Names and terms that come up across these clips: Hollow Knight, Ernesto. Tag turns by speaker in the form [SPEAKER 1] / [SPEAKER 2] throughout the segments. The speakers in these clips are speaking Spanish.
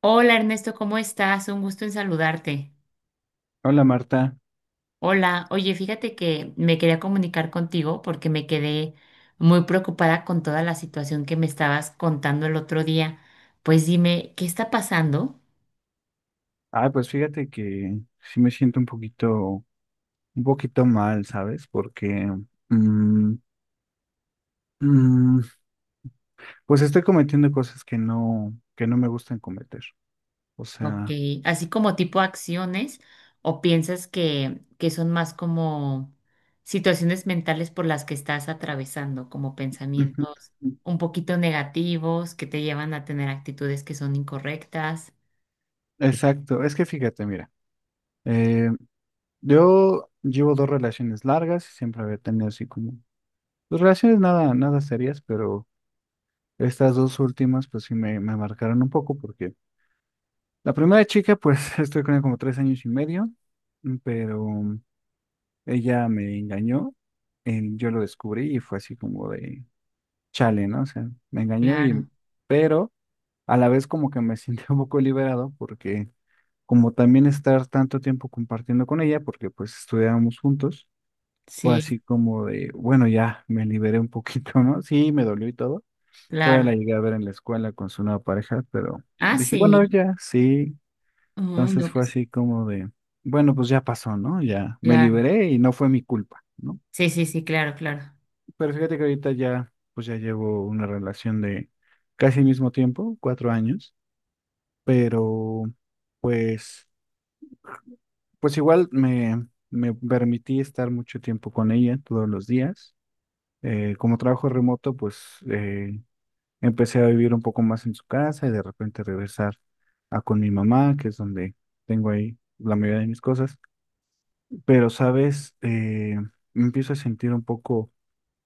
[SPEAKER 1] Hola Ernesto, ¿cómo estás? Un gusto en saludarte.
[SPEAKER 2] Hola Marta.
[SPEAKER 1] Hola, oye, fíjate que me quería comunicar contigo porque me quedé muy preocupada con toda la situación que me estabas contando el otro día. Pues dime, ¿qué está pasando?
[SPEAKER 2] Ah, pues fíjate que sí me siento un poquito mal, ¿sabes? Porque mm, mm, pues estoy cometiendo cosas que no me gustan cometer. O
[SPEAKER 1] Ok,
[SPEAKER 2] sea.
[SPEAKER 1] así como tipo acciones o piensas que son más como situaciones mentales por las que estás atravesando, como
[SPEAKER 2] Ujú.
[SPEAKER 1] pensamientos un poquito negativos que te llevan a tener actitudes que son incorrectas.
[SPEAKER 2] Exacto. Es que fíjate, mira, eh, yo llevo dos relaciones largas y siempre había tenido así como dos relaciones nada, nada serias, pero estas dos últimas pues sí me marcaron un poco porque la primera chica pues estoy con ella como 3 años y medio, pero ella me engañó. Yo lo descubrí y fue así como de chale, ¿no? O sea, me engañó y,
[SPEAKER 1] Claro,
[SPEAKER 2] pero a la vez como que me sentí un poco liberado porque como también estar tanto tiempo compartiendo con ella, porque pues estudiábamos juntos, fue
[SPEAKER 1] sí.
[SPEAKER 2] así como de, bueno, ya me liberé un poquito, ¿no? Sí, me dolió y todo. Todavía
[SPEAKER 1] Claro.
[SPEAKER 2] la llegué a ver en la escuela con su nueva pareja, pero
[SPEAKER 1] Ah,
[SPEAKER 2] dije, bueno,
[SPEAKER 1] sí.
[SPEAKER 2] ya, sí.
[SPEAKER 1] Ay,
[SPEAKER 2] Entonces
[SPEAKER 1] no,
[SPEAKER 2] fue
[SPEAKER 1] pues,
[SPEAKER 2] así como de, bueno, pues ya pasó, ¿no? Ya me
[SPEAKER 1] claro.
[SPEAKER 2] liberé y no fue mi culpa, ¿no?
[SPEAKER 1] Sí, sí, sí, claro, claro.
[SPEAKER 2] Pero fíjate que ahorita ya, pues ya llevo una relación de casi el mismo tiempo, 4 años, pero pues, pues igual me permití estar mucho tiempo con ella todos los días. Como trabajo remoto, pues eh, empecé a vivir un poco más en su casa y de repente regresar a con mi mamá, que es donde tengo ahí la mayoría de mis cosas. Pero, sabes, me empiezo a sentir un poco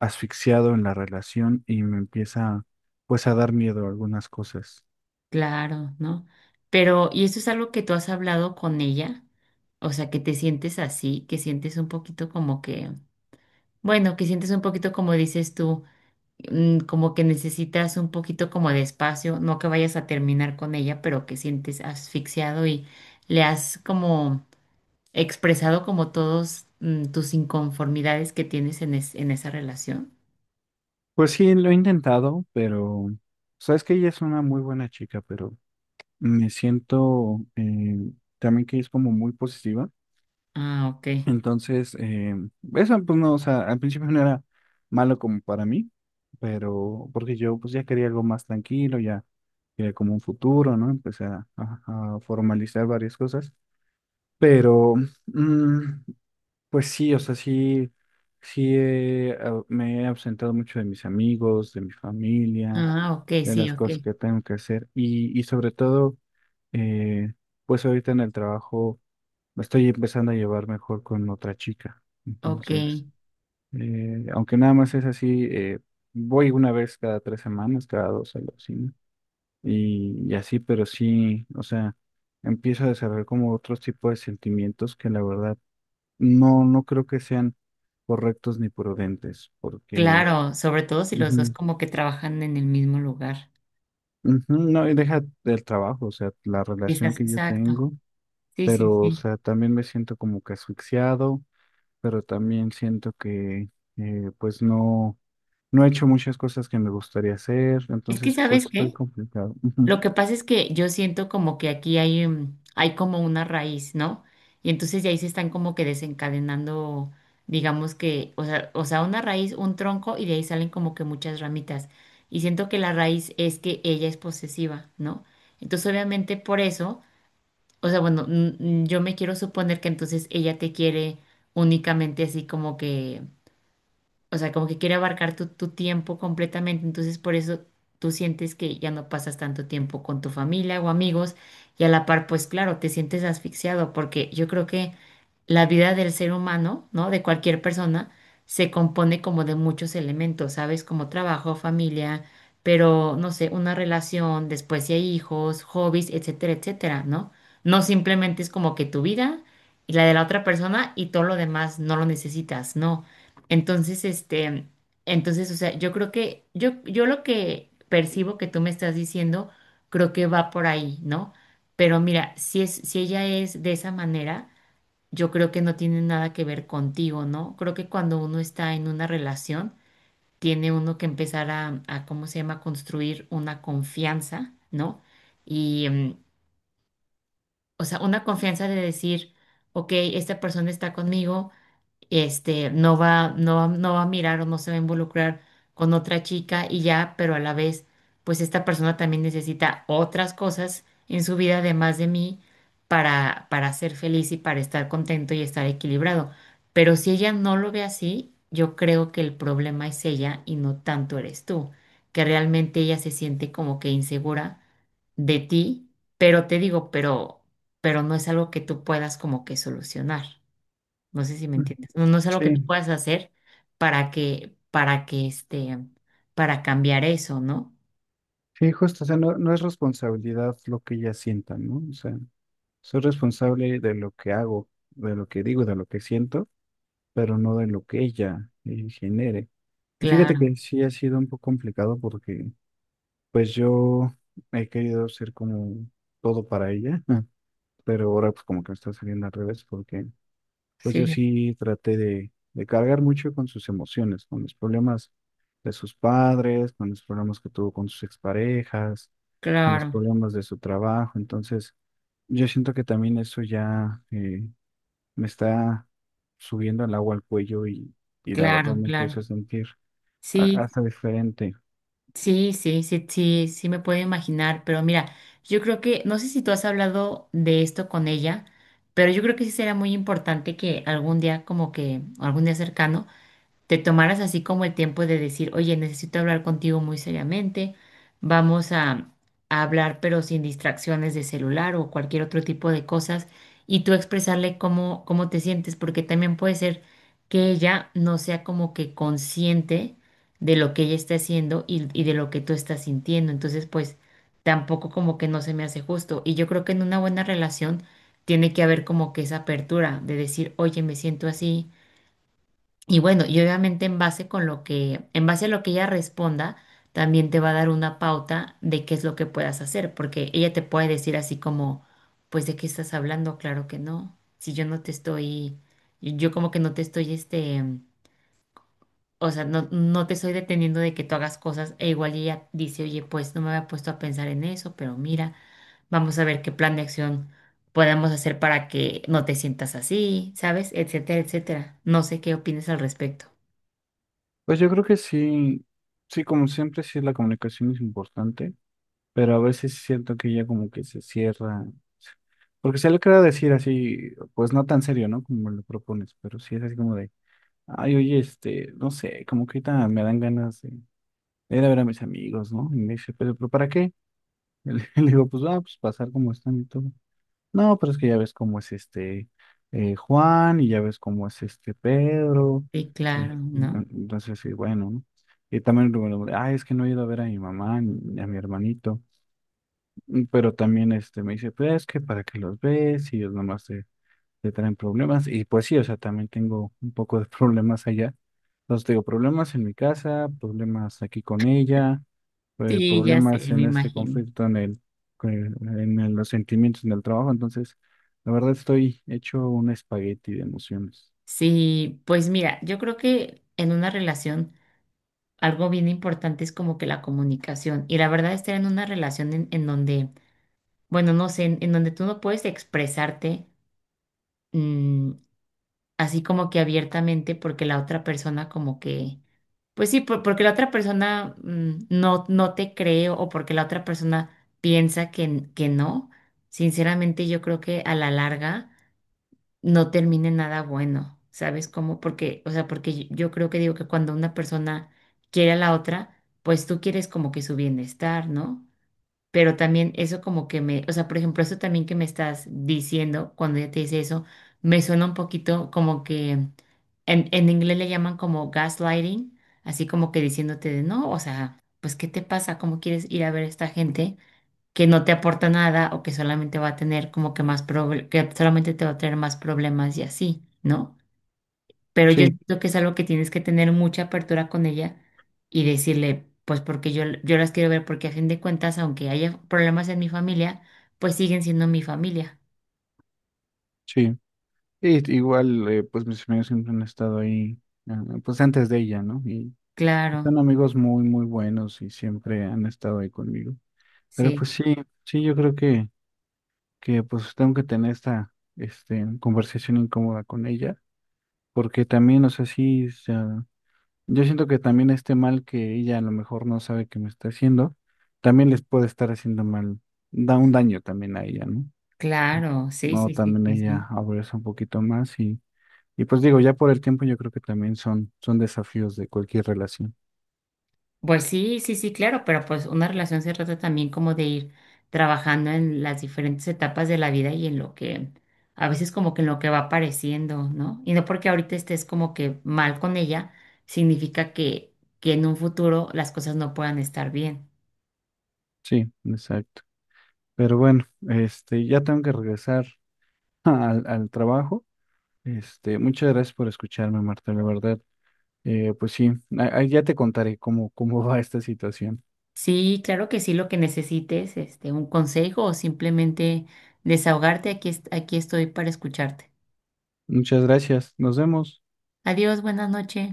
[SPEAKER 2] asfixiado en la relación y me empieza pues a dar miedo a algunas cosas.
[SPEAKER 1] Claro, ¿no? Pero, ¿y eso es algo que tú has hablado con ella? O sea, que te sientes así, que sientes un poquito como que, bueno, que sientes un poquito como dices tú, como que necesitas un poquito como de espacio, no que vayas a terminar con ella, pero que sientes asfixiado y le has como expresado como todos tus inconformidades que tienes en esa relación.
[SPEAKER 2] Pues sí, lo he intentado, pero sabes que ella es una muy buena chica, pero me siento también que es como muy positiva.
[SPEAKER 1] Ah, ok.
[SPEAKER 2] Entonces, eso pues no, o sea, al principio no era malo como para mí, pero porque yo pues ya quería algo más tranquilo, ya quería como un futuro, ¿no? Empecé a formalizar varias cosas, pero mm, pues sí, o sea, sí, sí, me he ausentado mucho de mis amigos, de mi familia,
[SPEAKER 1] Ah, ok,
[SPEAKER 2] de
[SPEAKER 1] sí,
[SPEAKER 2] las
[SPEAKER 1] ok,
[SPEAKER 2] cosas que tengo que hacer y sobre todo, eh, pues ahorita en el trabajo me estoy empezando a llevar mejor con otra chica.
[SPEAKER 1] ok.
[SPEAKER 2] Entonces, aunque nada más es así, voy una vez cada 3 semanas, cada dos a la oficina y así, pero sí, o sea, empiezo a desarrollar como otros tipos de sentimientos que la verdad no, no creo que sean correctos ni prudentes, porque
[SPEAKER 1] Claro, sobre todo si los dos
[SPEAKER 2] ujú,
[SPEAKER 1] como que trabajan en el mismo lugar.
[SPEAKER 2] ujú, no, y deja del trabajo, o sea, la relación que yo
[SPEAKER 1] Exacto.
[SPEAKER 2] tengo,
[SPEAKER 1] Sí, sí,
[SPEAKER 2] pero, o
[SPEAKER 1] sí.
[SPEAKER 2] sea, también me siento como que asfixiado, pero también siento que, pues, no, no he hecho muchas cosas que me gustaría hacer,
[SPEAKER 1] Es que,
[SPEAKER 2] entonces, pues,
[SPEAKER 1] ¿sabes
[SPEAKER 2] estoy
[SPEAKER 1] qué?
[SPEAKER 2] complicado. Ujú.
[SPEAKER 1] Lo que pasa es que yo siento como que aquí hay, hay como una raíz, ¿no? Y entonces de ahí se están como que desencadenando, digamos que, o sea, una raíz, un tronco, y de ahí salen como que muchas ramitas. Y siento que la raíz es que ella es posesiva, ¿no? Entonces, obviamente, por eso. O sea, bueno, yo me quiero suponer que entonces ella te quiere únicamente así como que o sea, como que quiere abarcar tu tiempo completamente, entonces por eso tú sientes que ya no pasas tanto tiempo con tu familia o amigos y a la par, pues claro, te sientes asfixiado porque yo creo que la vida del ser humano, ¿no? De cualquier persona, se compone como de muchos elementos, ¿sabes? Como trabajo, familia, pero no sé, una relación, después si hay hijos, hobbies, etcétera, etcétera, ¿no? No simplemente es como que tu vida y la de la otra persona y todo lo demás no lo necesitas, no. Entonces, este, entonces, o sea, yo creo que, yo lo que percibo que tú me estás diciendo, creo que va por ahí, ¿no? Pero mira, si ella es de esa manera, yo creo que no tiene nada que ver contigo, ¿no? Creo que cuando uno está en una relación, tiene uno que empezar a ¿cómo se llama?, construir una confianza, ¿no? Y, o sea, una confianza de decir, ok, esta persona está conmigo este, no va a mirar o no se va a involucrar con otra chica y ya, pero a la vez, pues esta persona también necesita otras cosas en su vida además de mí para ser feliz y para estar contento y estar equilibrado. Pero si ella no lo ve así, yo creo que el problema es ella y no tanto eres tú, que realmente ella se siente como que insegura de ti, pero te digo, pero no es algo que tú puedas como que solucionar. No sé si me
[SPEAKER 2] Mm.
[SPEAKER 1] entiendes. No, no es algo que tú
[SPEAKER 2] Sí,
[SPEAKER 1] puedas hacer para que este, para cambiar eso, ¿no?
[SPEAKER 2] sí, justo, o sea, no, no es responsabilidad lo que ellas sientan, ¿no? O sea, soy responsable de lo que hago, de lo que digo, de lo que siento. Pero no de lo que ella genere. Y fíjate
[SPEAKER 1] Claro,
[SPEAKER 2] que sí ha sido un poco complicado porque pues yo he querido ser como todo para ella, pero ahora pues como que me está saliendo al revés porque pues
[SPEAKER 1] sí,
[SPEAKER 2] yo sí traté de cargar mucho con sus emociones, con los problemas de sus padres, con los problemas que tuvo con sus exparejas, con los
[SPEAKER 1] claro,
[SPEAKER 2] problemas de su trabajo. Entonces yo siento que también eso ya, me está subiendo el agua al cuello y la verdad
[SPEAKER 1] claro,
[SPEAKER 2] me puse a
[SPEAKER 1] claro.
[SPEAKER 2] sentir
[SPEAKER 1] Sí,
[SPEAKER 2] hasta diferente.
[SPEAKER 1] sí, sí, sí, sí, sí me puedo imaginar, pero mira, yo creo que, no sé si tú has hablado de esto con ella, pero yo creo que sí será muy importante que algún día, como que, algún día cercano, te tomaras así como el tiempo de decir, oye, necesito hablar contigo muy seriamente, vamos a hablar pero sin distracciones de celular o cualquier otro tipo de cosas, y tú expresarle cómo, cómo te sientes, porque también puede ser que ella no sea como que consciente de lo que ella está haciendo y de lo que tú estás sintiendo, entonces pues tampoco como que no se me hace justo, y yo creo que en una buena relación tiene que haber como que esa apertura de decir, oye, me siento así y bueno, y obviamente en base con lo que, en base a lo que ella responda, también te va a dar una pauta de qué es lo que puedas hacer, porque ella te puede decir así como, pues ¿de qué estás hablando? Claro que no. Si yo no te estoy, yo como que no te estoy este, o sea, no, no te estoy deteniendo de que tú hagas cosas, e igual ella dice, oye, pues no me había puesto a pensar en eso, pero mira, vamos a ver qué plan de acción podemos hacer para que no te sientas así, ¿sabes? Etcétera, etcétera. No sé qué opinas al respecto.
[SPEAKER 2] Pues yo creo que sí, sí, como siempre, sí la comunicación es importante, pero a veces siento que ella como que se cierra, porque se le queda decir así, pues no tan serio, ¿no? Como lo propones, pero sí es así como de, ay, oye, este, no sé, como que ahorita me dan ganas de ir a ver a mis amigos, ¿no? Y me dice, pero ¿para qué? Y le digo, pues, ah, pues pasar como están y todo. No, pero es que ya ves cómo es este Juan y ya ves cómo es este Pedro.
[SPEAKER 1] Sí,
[SPEAKER 2] eh,
[SPEAKER 1] claro, ¿no?
[SPEAKER 2] entonces, sí, bueno, ¿no? Y también, bueno, ah, es que no he ido a ver a mi mamá ni a mi hermanito. Pero también este, me dice, pues es que para que los ves y ellos nomás te traen problemas. Y pues sí, o sea, también tengo un poco de problemas allá. Entonces, tengo problemas en mi casa, problemas aquí con ella
[SPEAKER 1] Sí, ya sé,
[SPEAKER 2] problemas
[SPEAKER 1] me
[SPEAKER 2] en este
[SPEAKER 1] imagino.
[SPEAKER 2] conflicto en el, con- en el- los sentimientos en el trabajo. Entonces, la verdad estoy hecho un espagueti de emociones.
[SPEAKER 1] Sí, pues mira, yo creo que en una relación algo bien importante es como que la comunicación. Y la verdad, estar en una relación en donde, bueno, no sé, en donde tú no puedes expresarte mm, así como que abiertamente porque la otra persona como que, pues sí, porque la otra persona no, no te cree o porque la otra persona piensa que no. Sinceramente, yo creo que a la larga no termine nada bueno, ¿sabes cómo? Porque, o sea, porque yo creo que digo que cuando una persona quiere a la otra, pues tú quieres como que su bienestar, ¿no? Pero también eso como que me, o sea, por ejemplo, eso también que me estás diciendo cuando ella te dice eso, me suena un poquito como que en inglés le llaman como gaslighting, así como que diciéndote de no, o sea, pues ¿qué te pasa? ¿Cómo quieres ir a ver a esta gente? Que no te aporta nada o que solamente va a tener como que más que solamente te va a traer más problemas y así, ¿no? Pero yo
[SPEAKER 2] Sí,
[SPEAKER 1] siento que es algo que tienes que tener mucha apertura con ella y decirle, pues porque yo las quiero ver, porque a fin de cuentas, aunque haya problemas en mi familia, pues siguen siendo mi familia.
[SPEAKER 2] sí. Y igual, pues mis amigos siempre han estado ahí, eh, pues antes de ella, ¿no? Y
[SPEAKER 1] Claro,
[SPEAKER 2] son amigos muy, muy buenos y siempre han estado ahí conmigo. Pero pues
[SPEAKER 1] sí,
[SPEAKER 2] sí, sí, yo creo que pues tengo que tener esta, este, conversación incómoda con ella, porque también, o sea, sí, yo siento que también este mal que ella a lo mejor no sabe que me está haciendo, también les puede estar haciendo mal, da un daño también a ella, ¿no?
[SPEAKER 1] claro, sí,
[SPEAKER 2] No,
[SPEAKER 1] sí, sí,
[SPEAKER 2] también
[SPEAKER 1] sí, sí.
[SPEAKER 2] ella abraza un poquito más y pues digo, ya por el tiempo yo creo que también son desafíos de cualquier relación.
[SPEAKER 1] Pues sí, sí, sí, claro, pero pues una relación se trata también como de ir trabajando en las diferentes etapas de la vida y en lo que a veces como que en lo que va apareciendo, ¿no? Y no porque ahorita estés como que mal con ella, significa que en un futuro las cosas no puedan estar bien.
[SPEAKER 2] Sí, exacto. Pero bueno, este, ya tengo que regresar al trabajo. Este, muchas gracias por escucharme, Marta, la verdad. Pues sí, ya te contaré cómo va esta situación.
[SPEAKER 1] Sí, claro que sí, lo que necesites, este, un consejo o simplemente desahogarte, aquí, aquí estoy para escucharte.
[SPEAKER 2] Muchas gracias, nos vemos.
[SPEAKER 1] Adiós, buenas noches.